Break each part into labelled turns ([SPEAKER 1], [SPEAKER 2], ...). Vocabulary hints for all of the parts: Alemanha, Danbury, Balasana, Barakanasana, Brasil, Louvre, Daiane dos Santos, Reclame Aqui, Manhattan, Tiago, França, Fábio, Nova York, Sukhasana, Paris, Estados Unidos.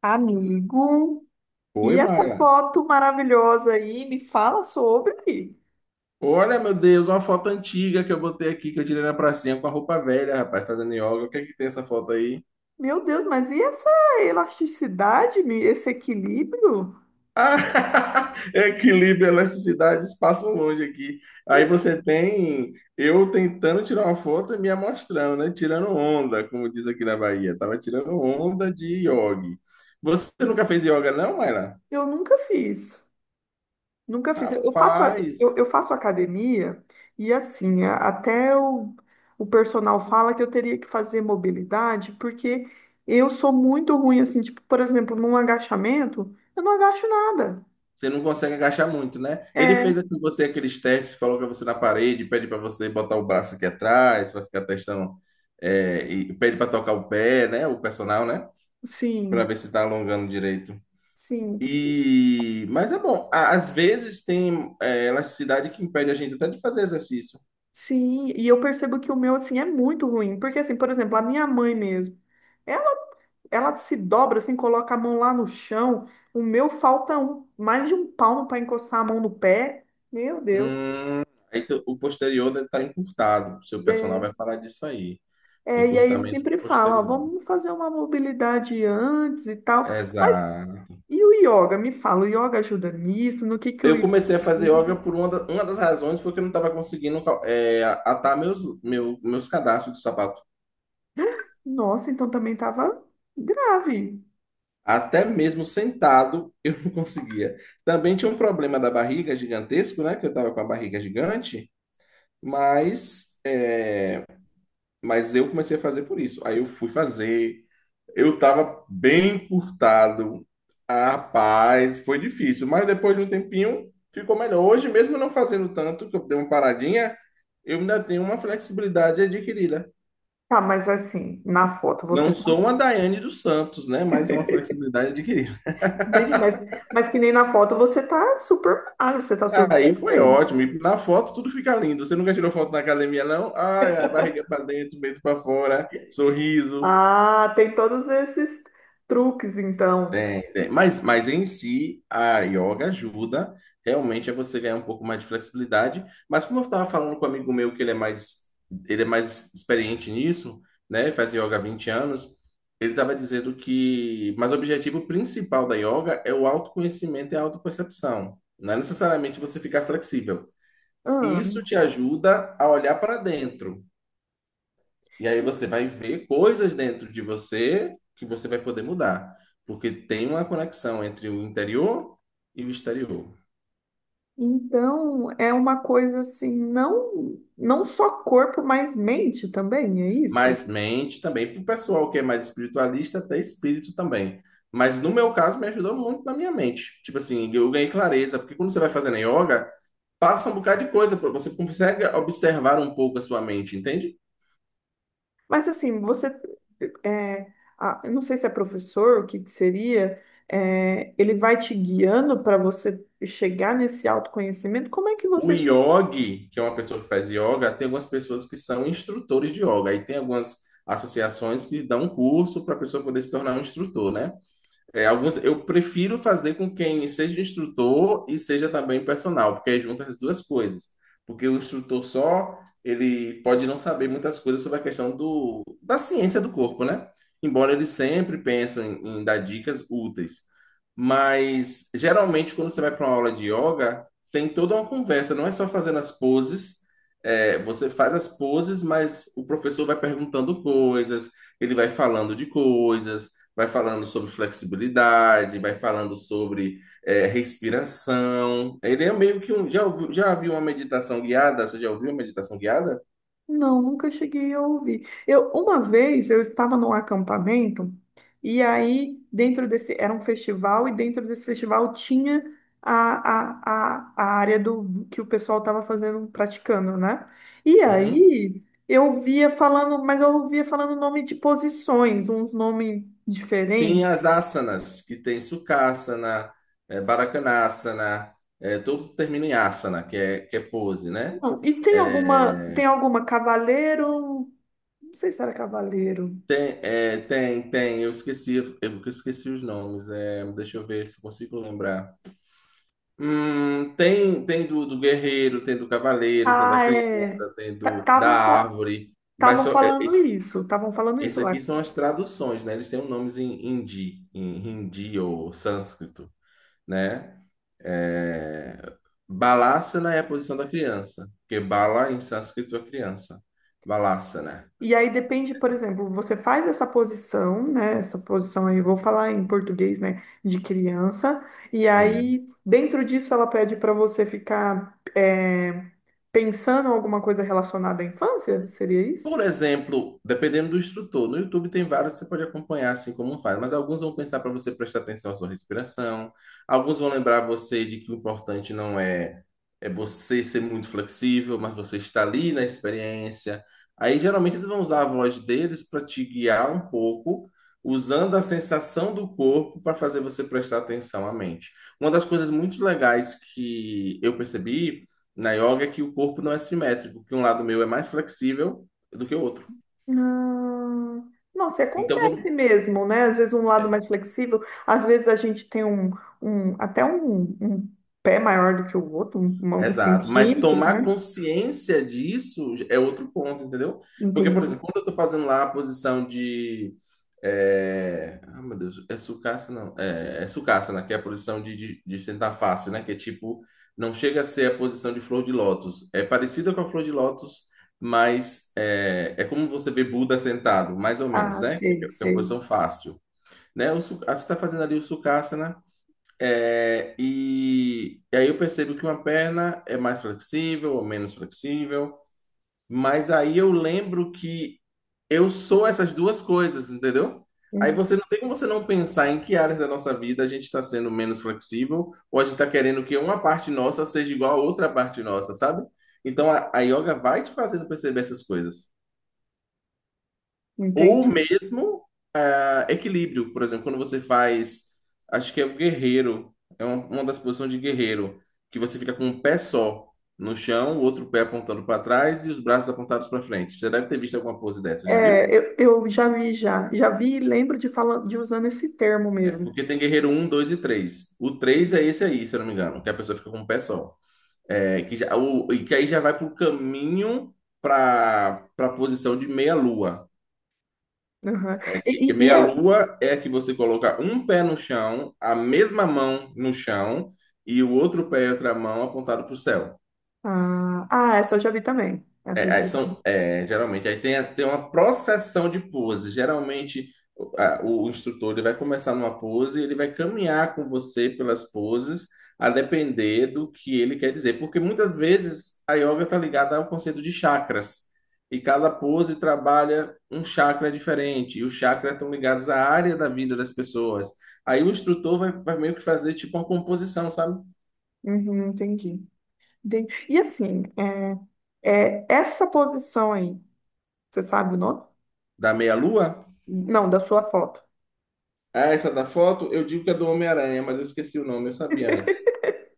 [SPEAKER 1] Amigo, e
[SPEAKER 2] Oi,
[SPEAKER 1] essa
[SPEAKER 2] Marla.
[SPEAKER 1] foto maravilhosa aí, me fala sobre.
[SPEAKER 2] Olha, meu Deus, uma foto antiga que eu botei aqui, que eu tirei na pracinha com a roupa velha, rapaz, fazendo yoga. O que é que tem essa foto aí?
[SPEAKER 1] Meu Deus, mas e essa elasticidade, esse equilíbrio?
[SPEAKER 2] Ah, equilíbrio, elasticidade, espaço longe aqui. Aí você tem eu tentando tirar uma foto e me amostrando, né? Tirando onda, como diz aqui na Bahia. Tava tirando onda de yoga. Você nunca fez yoga, não, Marla?
[SPEAKER 1] Eu nunca fiz. Nunca fiz. Eu faço, a- eu,
[SPEAKER 2] Rapaz.
[SPEAKER 1] eu faço academia e assim, até o personal fala que eu teria que fazer mobilidade, porque eu sou muito ruim, assim, tipo, por exemplo, num agachamento, eu não agacho nada.
[SPEAKER 2] Você não consegue agachar muito, né? Ele
[SPEAKER 1] É,
[SPEAKER 2] fez com você aqueles testes, coloca você na parede, pede para você botar o braço aqui atrás, vai ficar testando, é, e pede para tocar o pé, né? O personal, né? Para
[SPEAKER 1] sim,
[SPEAKER 2] ver se tá alongando direito.
[SPEAKER 1] sim.
[SPEAKER 2] E mas é bom. Às vezes tem elasticidade que impede a gente até de fazer exercício.
[SPEAKER 1] Sim, e eu percebo que o meu, assim, é muito ruim. Porque, assim, por exemplo, a minha mãe mesmo, ela, ela se dobra, assim, coloca a mão lá no chão. O meu falta um, mais de um palmo para encostar a mão no pé. Meu Deus.
[SPEAKER 2] Hum, o posterior deve estar encurtado. O seu personal
[SPEAKER 1] É,
[SPEAKER 2] vai falar disso aí.
[SPEAKER 1] é, e aí ele
[SPEAKER 2] Encurtamento de
[SPEAKER 1] sempre fala, ó,
[SPEAKER 2] posterior.
[SPEAKER 1] vamos fazer uma mobilidade antes e tal. Mas
[SPEAKER 2] Exato.
[SPEAKER 1] e o yoga? Me fala, o yoga ajuda nisso? No que o
[SPEAKER 2] Eu
[SPEAKER 1] yoga
[SPEAKER 2] comecei a fazer yoga
[SPEAKER 1] ajuda?
[SPEAKER 2] por uma das razões foi que eu não estava conseguindo atar meus cadastros do sapato.
[SPEAKER 1] Nossa, então também tava grave.
[SPEAKER 2] Até mesmo sentado eu não conseguia. Também tinha um problema da barriga gigantesco, né? Que eu estava com a barriga gigante, mas é, mas eu comecei a fazer por isso. Aí eu fui fazer. Eu estava bem encurtado. Ah, rapaz, foi difícil. Mas depois de um tempinho, ficou melhor. Hoje, mesmo não fazendo tanto, que eu dei uma paradinha, eu ainda tenho uma flexibilidade adquirida.
[SPEAKER 1] Tá, mas assim, na foto você
[SPEAKER 2] Não
[SPEAKER 1] tá.
[SPEAKER 2] sou uma Daiane dos Santos, né? Mas é uma flexibilidade adquirida.
[SPEAKER 1] Entendi, mas que nem na foto você tá super magro, você tá
[SPEAKER 2] Aí
[SPEAKER 1] super
[SPEAKER 2] foi
[SPEAKER 1] bem.
[SPEAKER 2] ótimo. E na foto tudo fica lindo. Você nunca tirou foto na academia, não? Ai, a barriga para dentro, peito para fora, sorriso.
[SPEAKER 1] Ah, tem todos esses truques, então.
[SPEAKER 2] Tem, tem. Mas em si, a yoga ajuda realmente a você ganhar um pouco mais de flexibilidade. Mas como eu estava falando com um amigo meu que ele é mais experiente nisso, né? Faz yoga há 20 anos. Ele estava dizendo que, mas o objetivo principal da yoga é o autoconhecimento e a autopercepção. Não é necessariamente você ficar flexível. E
[SPEAKER 1] Ah,
[SPEAKER 2] isso te ajuda a olhar para dentro. E aí você vai ver coisas dentro de você que você vai poder mudar, porque tem uma conexão entre o interior e o exterior.
[SPEAKER 1] então é uma coisa assim, não, não só corpo, mas mente também, é isso?
[SPEAKER 2] Mas mente também, para o pessoal que é mais espiritualista, até espírito também. Mas no meu caso, me ajudou muito na minha mente. Tipo assim, eu ganhei clareza, porque quando você vai fazendo yoga, passa um bocado de coisa, você consegue observar um pouco a sua mente, entende?
[SPEAKER 1] Mas assim, você, é, ah, eu não sei se é professor, o que que seria, é, ele vai te guiando para você chegar nesse autoconhecimento. Como é que
[SPEAKER 2] O
[SPEAKER 1] você chega?
[SPEAKER 2] yogi, que é uma pessoa que faz yoga, tem algumas pessoas que são instrutores de yoga. Aí tem algumas associações que dão um curso para a pessoa poder se tornar um instrutor, né? É, alguns, eu prefiro fazer com quem seja instrutor e seja também personal, porque aí junta as duas coisas. Porque o instrutor só, ele pode não saber muitas coisas sobre a questão da ciência do corpo, né? Embora eles sempre pensam em dar dicas úteis. Mas, geralmente, quando você vai para uma aula de yoga, tem toda uma conversa, não é só fazendo as poses. É, você faz as poses, mas o professor vai perguntando coisas, ele vai falando de coisas, vai falando sobre flexibilidade, vai falando sobre respiração. Ele é meio que um. Já ouviu, já viu uma meditação guiada? Você já ouviu uma meditação guiada?
[SPEAKER 1] Não, nunca cheguei a ouvir. Eu, uma vez eu estava num acampamento e aí dentro desse era um festival e dentro desse festival tinha a área do que o pessoal estava fazendo, praticando, né? E
[SPEAKER 2] Uhum.
[SPEAKER 1] aí eu via falando, mas eu ouvia falando nome de posições, uns nomes
[SPEAKER 2] Sim,
[SPEAKER 1] diferentes.
[SPEAKER 2] as asanas, que tem Sukhasana, é, Barakanasana, é, todos terminam em asana, que que é pose, né?
[SPEAKER 1] Não, e tem
[SPEAKER 2] É,
[SPEAKER 1] alguma cavaleiro, não sei se era cavaleiro.
[SPEAKER 2] tem, é, tem, eu esqueci os nomes, é, deixa eu ver se eu consigo lembrar. Tem do do guerreiro, tem do cavaleiro, tem da
[SPEAKER 1] Ah, é.
[SPEAKER 2] criança, tem do da
[SPEAKER 1] Estavam
[SPEAKER 2] árvore, mas só, é, esse,
[SPEAKER 1] Estavam falando
[SPEAKER 2] esse
[SPEAKER 1] isso
[SPEAKER 2] aqui
[SPEAKER 1] lá.
[SPEAKER 2] são as traduções, né? Eles têm um nomes em hindi ou sânscrito, né? É, Balasana é a posição da criança, porque bala em sânscrito é criança. Balasana,
[SPEAKER 1] E aí depende, por exemplo, você faz essa posição, né? Essa posição aí, vou falar em português, né? De criança. E
[SPEAKER 2] sim.
[SPEAKER 1] aí, dentro disso, ela pede para você ficar é, pensando alguma coisa relacionada à infância? Seria isso?
[SPEAKER 2] Por exemplo, dependendo do instrutor, no YouTube tem vários que você pode acompanhar assim como faz, mas alguns vão pensar para você prestar atenção à sua respiração, alguns vão lembrar você de que o importante não é você ser muito flexível, mas você está ali na experiência. Aí geralmente eles vão usar a voz deles para te guiar um pouco, usando a sensação do corpo para fazer você prestar atenção à mente. Uma das coisas muito legais que eu percebi na yoga é que o corpo não é simétrico, que um lado meu é mais flexível do que o outro.
[SPEAKER 1] Ah, nossa, e
[SPEAKER 2] Então,
[SPEAKER 1] acontece
[SPEAKER 2] quando.
[SPEAKER 1] mesmo, né? Às vezes um lado mais flexível, às vezes a gente tem um, um até um, um pé maior do que o outro, uns
[SPEAKER 2] Exato. Mas
[SPEAKER 1] centímetros, né?
[SPEAKER 2] tomar consciência disso é outro ponto, entendeu? Porque, por
[SPEAKER 1] Entendi.
[SPEAKER 2] exemplo, quando eu estou fazendo lá a posição de. É... Ah, meu Deus, é sucaça, não. É, é sucassana, que é a posição de sentar fácil, né? Que é tipo, não chega a ser a posição de flor de lótus. É parecida com a flor de lótus, mas é, é como você vê Buda sentado, mais ou menos,
[SPEAKER 1] Ah,
[SPEAKER 2] né? Que é
[SPEAKER 1] sei,
[SPEAKER 2] que é a
[SPEAKER 1] sei.
[SPEAKER 2] posição fácil. Né? Você está fazendo ali o sucassana. É, e aí eu percebo que uma perna é mais flexível ou menos flexível, mas aí eu lembro que eu sou essas duas coisas, entendeu? Aí
[SPEAKER 1] Hum,
[SPEAKER 2] você não tem como você não pensar em que áreas da nossa vida a gente está sendo menos flexível ou a gente está querendo que uma parte nossa seja igual a outra parte nossa, sabe? Então a yoga vai te fazendo perceber essas coisas. Ou
[SPEAKER 1] Entendi.
[SPEAKER 2] mesmo equilíbrio, por exemplo, quando você faz, acho que é o guerreiro, é uma das posições de guerreiro, que você fica com um pé só no chão, o outro pé apontando para trás e os braços apontados para frente. Você deve ter visto alguma pose dessa, já viu?
[SPEAKER 1] É, eu já vi, já. Já vi e lembro de, fala, de usando esse termo
[SPEAKER 2] É,
[SPEAKER 1] mesmo.
[SPEAKER 2] porque tem guerreiro um, 2 e 3. O 3 é esse aí, se eu não me engano, que a pessoa fica com um pé só. É, que, já, o, e que aí já vai para o caminho para a posição de meia-lua.
[SPEAKER 1] Aham.
[SPEAKER 2] Que,
[SPEAKER 1] E, e, e é-
[SPEAKER 2] meia-lua é que você coloca um pé no chão, a mesma mão no chão e o outro pé e outra mão apontado para o céu.
[SPEAKER 1] ah, ah, essa eu já vi também. Essa eu
[SPEAKER 2] É,
[SPEAKER 1] já
[SPEAKER 2] aí
[SPEAKER 1] vi.
[SPEAKER 2] são, é, geralmente, tem uma processão de poses. Geralmente, o instrutor ele vai começar numa pose e ele vai caminhar com você pelas poses, a depender do que ele quer dizer. Porque muitas vezes a yoga está ligada ao conceito de chakras. E cada pose trabalha um chakra diferente. E os chakras estão ligados à área da vida das pessoas. Aí o instrutor vai meio que fazer tipo uma composição, sabe?
[SPEAKER 1] Uhum, entendi. E assim, é, é, essa posição aí, você sabe o nome?
[SPEAKER 2] Da meia-lua.
[SPEAKER 1] Não, da sua foto.
[SPEAKER 2] Ah, essa da foto, eu digo que é do Homem-Aranha, mas eu esqueci o nome, eu sabia antes.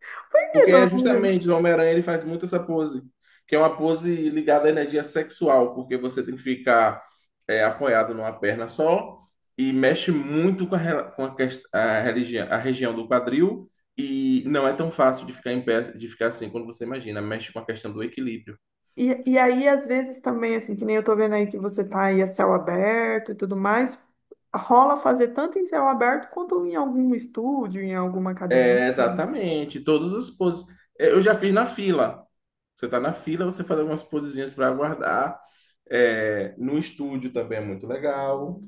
[SPEAKER 1] Que
[SPEAKER 2] Porque é
[SPEAKER 1] nome?
[SPEAKER 2] justamente o Homem-Aranha, ele faz muito essa pose, que é uma pose ligada à energia sexual, porque você tem que ficar é, apoiado numa perna só e mexe muito com com a a região do quadril e não é tão fácil de ficar em pé, de ficar assim quando você imagina, mexe com a questão do equilíbrio.
[SPEAKER 1] E aí, às vezes também, assim, que nem eu tô vendo aí que você tá aí a céu aberto e tudo mais, rola fazer tanto em céu aberto quanto em algum estúdio, em alguma academia.
[SPEAKER 2] É, exatamente, todas as poses. É, eu já fiz na fila. Você tá na fila, você faz algumas posezinhas para aguardar. É, no estúdio também é muito legal,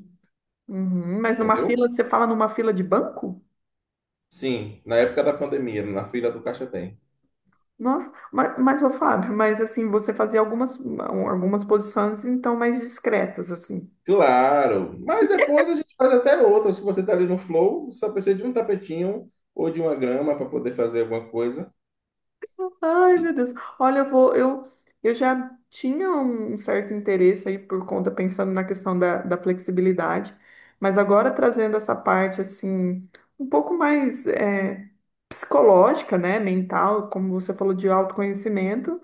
[SPEAKER 1] Uhum, mas numa
[SPEAKER 2] entendeu?
[SPEAKER 1] fila, você fala numa fila de banco?
[SPEAKER 2] Sim, na época da pandemia, na fila do caixa tem.
[SPEAKER 1] Nossa, mas ô Fábio, mas assim, você fazia algumas, algumas posições então mais discretas, assim.
[SPEAKER 2] Claro, mas depois a gente faz até outras. Se você tá ali no flow, só precisa de um tapetinho ou de uma grama para poder fazer alguma coisa.
[SPEAKER 1] Ai, meu Deus. Olha, eu vou, eu já tinha um certo interesse aí por conta, pensando na questão da, da flexibilidade, mas agora trazendo essa parte assim, um pouco mais é, psicológica, né, mental, como você falou, de autoconhecimento,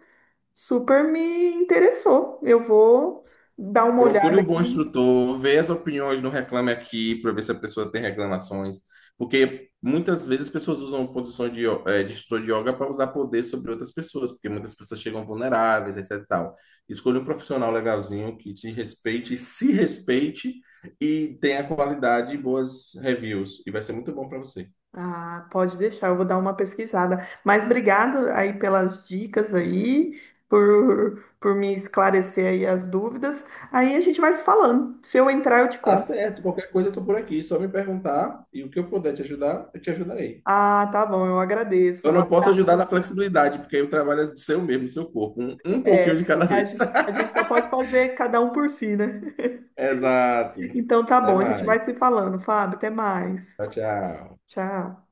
[SPEAKER 1] super me interessou. Eu vou dar uma
[SPEAKER 2] Procure
[SPEAKER 1] olhada
[SPEAKER 2] um bom
[SPEAKER 1] aqui.
[SPEAKER 2] instrutor, vê as opiniões no Reclame Aqui para ver se a pessoa tem reclamações, porque muitas vezes as pessoas usam posição de, de instrutor de yoga para usar poder sobre outras pessoas, porque muitas pessoas chegam vulneráveis, etc e tal. Escolha um profissional legalzinho que te respeite, se respeite e tenha qualidade e boas reviews, e vai ser muito bom para você.
[SPEAKER 1] Ah, pode deixar, eu vou dar uma pesquisada. Mas obrigado aí pelas dicas aí, por me esclarecer aí as dúvidas. Aí a gente vai se falando. Se eu entrar, eu te
[SPEAKER 2] Tá
[SPEAKER 1] conto.
[SPEAKER 2] certo, qualquer coisa eu tô por aqui, só me perguntar e o que eu puder te ajudar, eu te ajudarei.
[SPEAKER 1] Ah, tá bom, eu agradeço.
[SPEAKER 2] Eu
[SPEAKER 1] Um
[SPEAKER 2] não posso ajudar na
[SPEAKER 1] abraço.
[SPEAKER 2] flexibilidade, porque aí o trabalho é do seu mesmo, do seu corpo. Um
[SPEAKER 1] É,
[SPEAKER 2] pouquinho de cada
[SPEAKER 1] é,
[SPEAKER 2] vez.
[SPEAKER 1] a gente só pode fazer cada um por si, né?
[SPEAKER 2] Exato.
[SPEAKER 1] Então tá
[SPEAKER 2] Até
[SPEAKER 1] bom, a gente vai
[SPEAKER 2] mais.
[SPEAKER 1] se falando, Fábio. Até mais.
[SPEAKER 2] Tchau, tchau.
[SPEAKER 1] Tchau.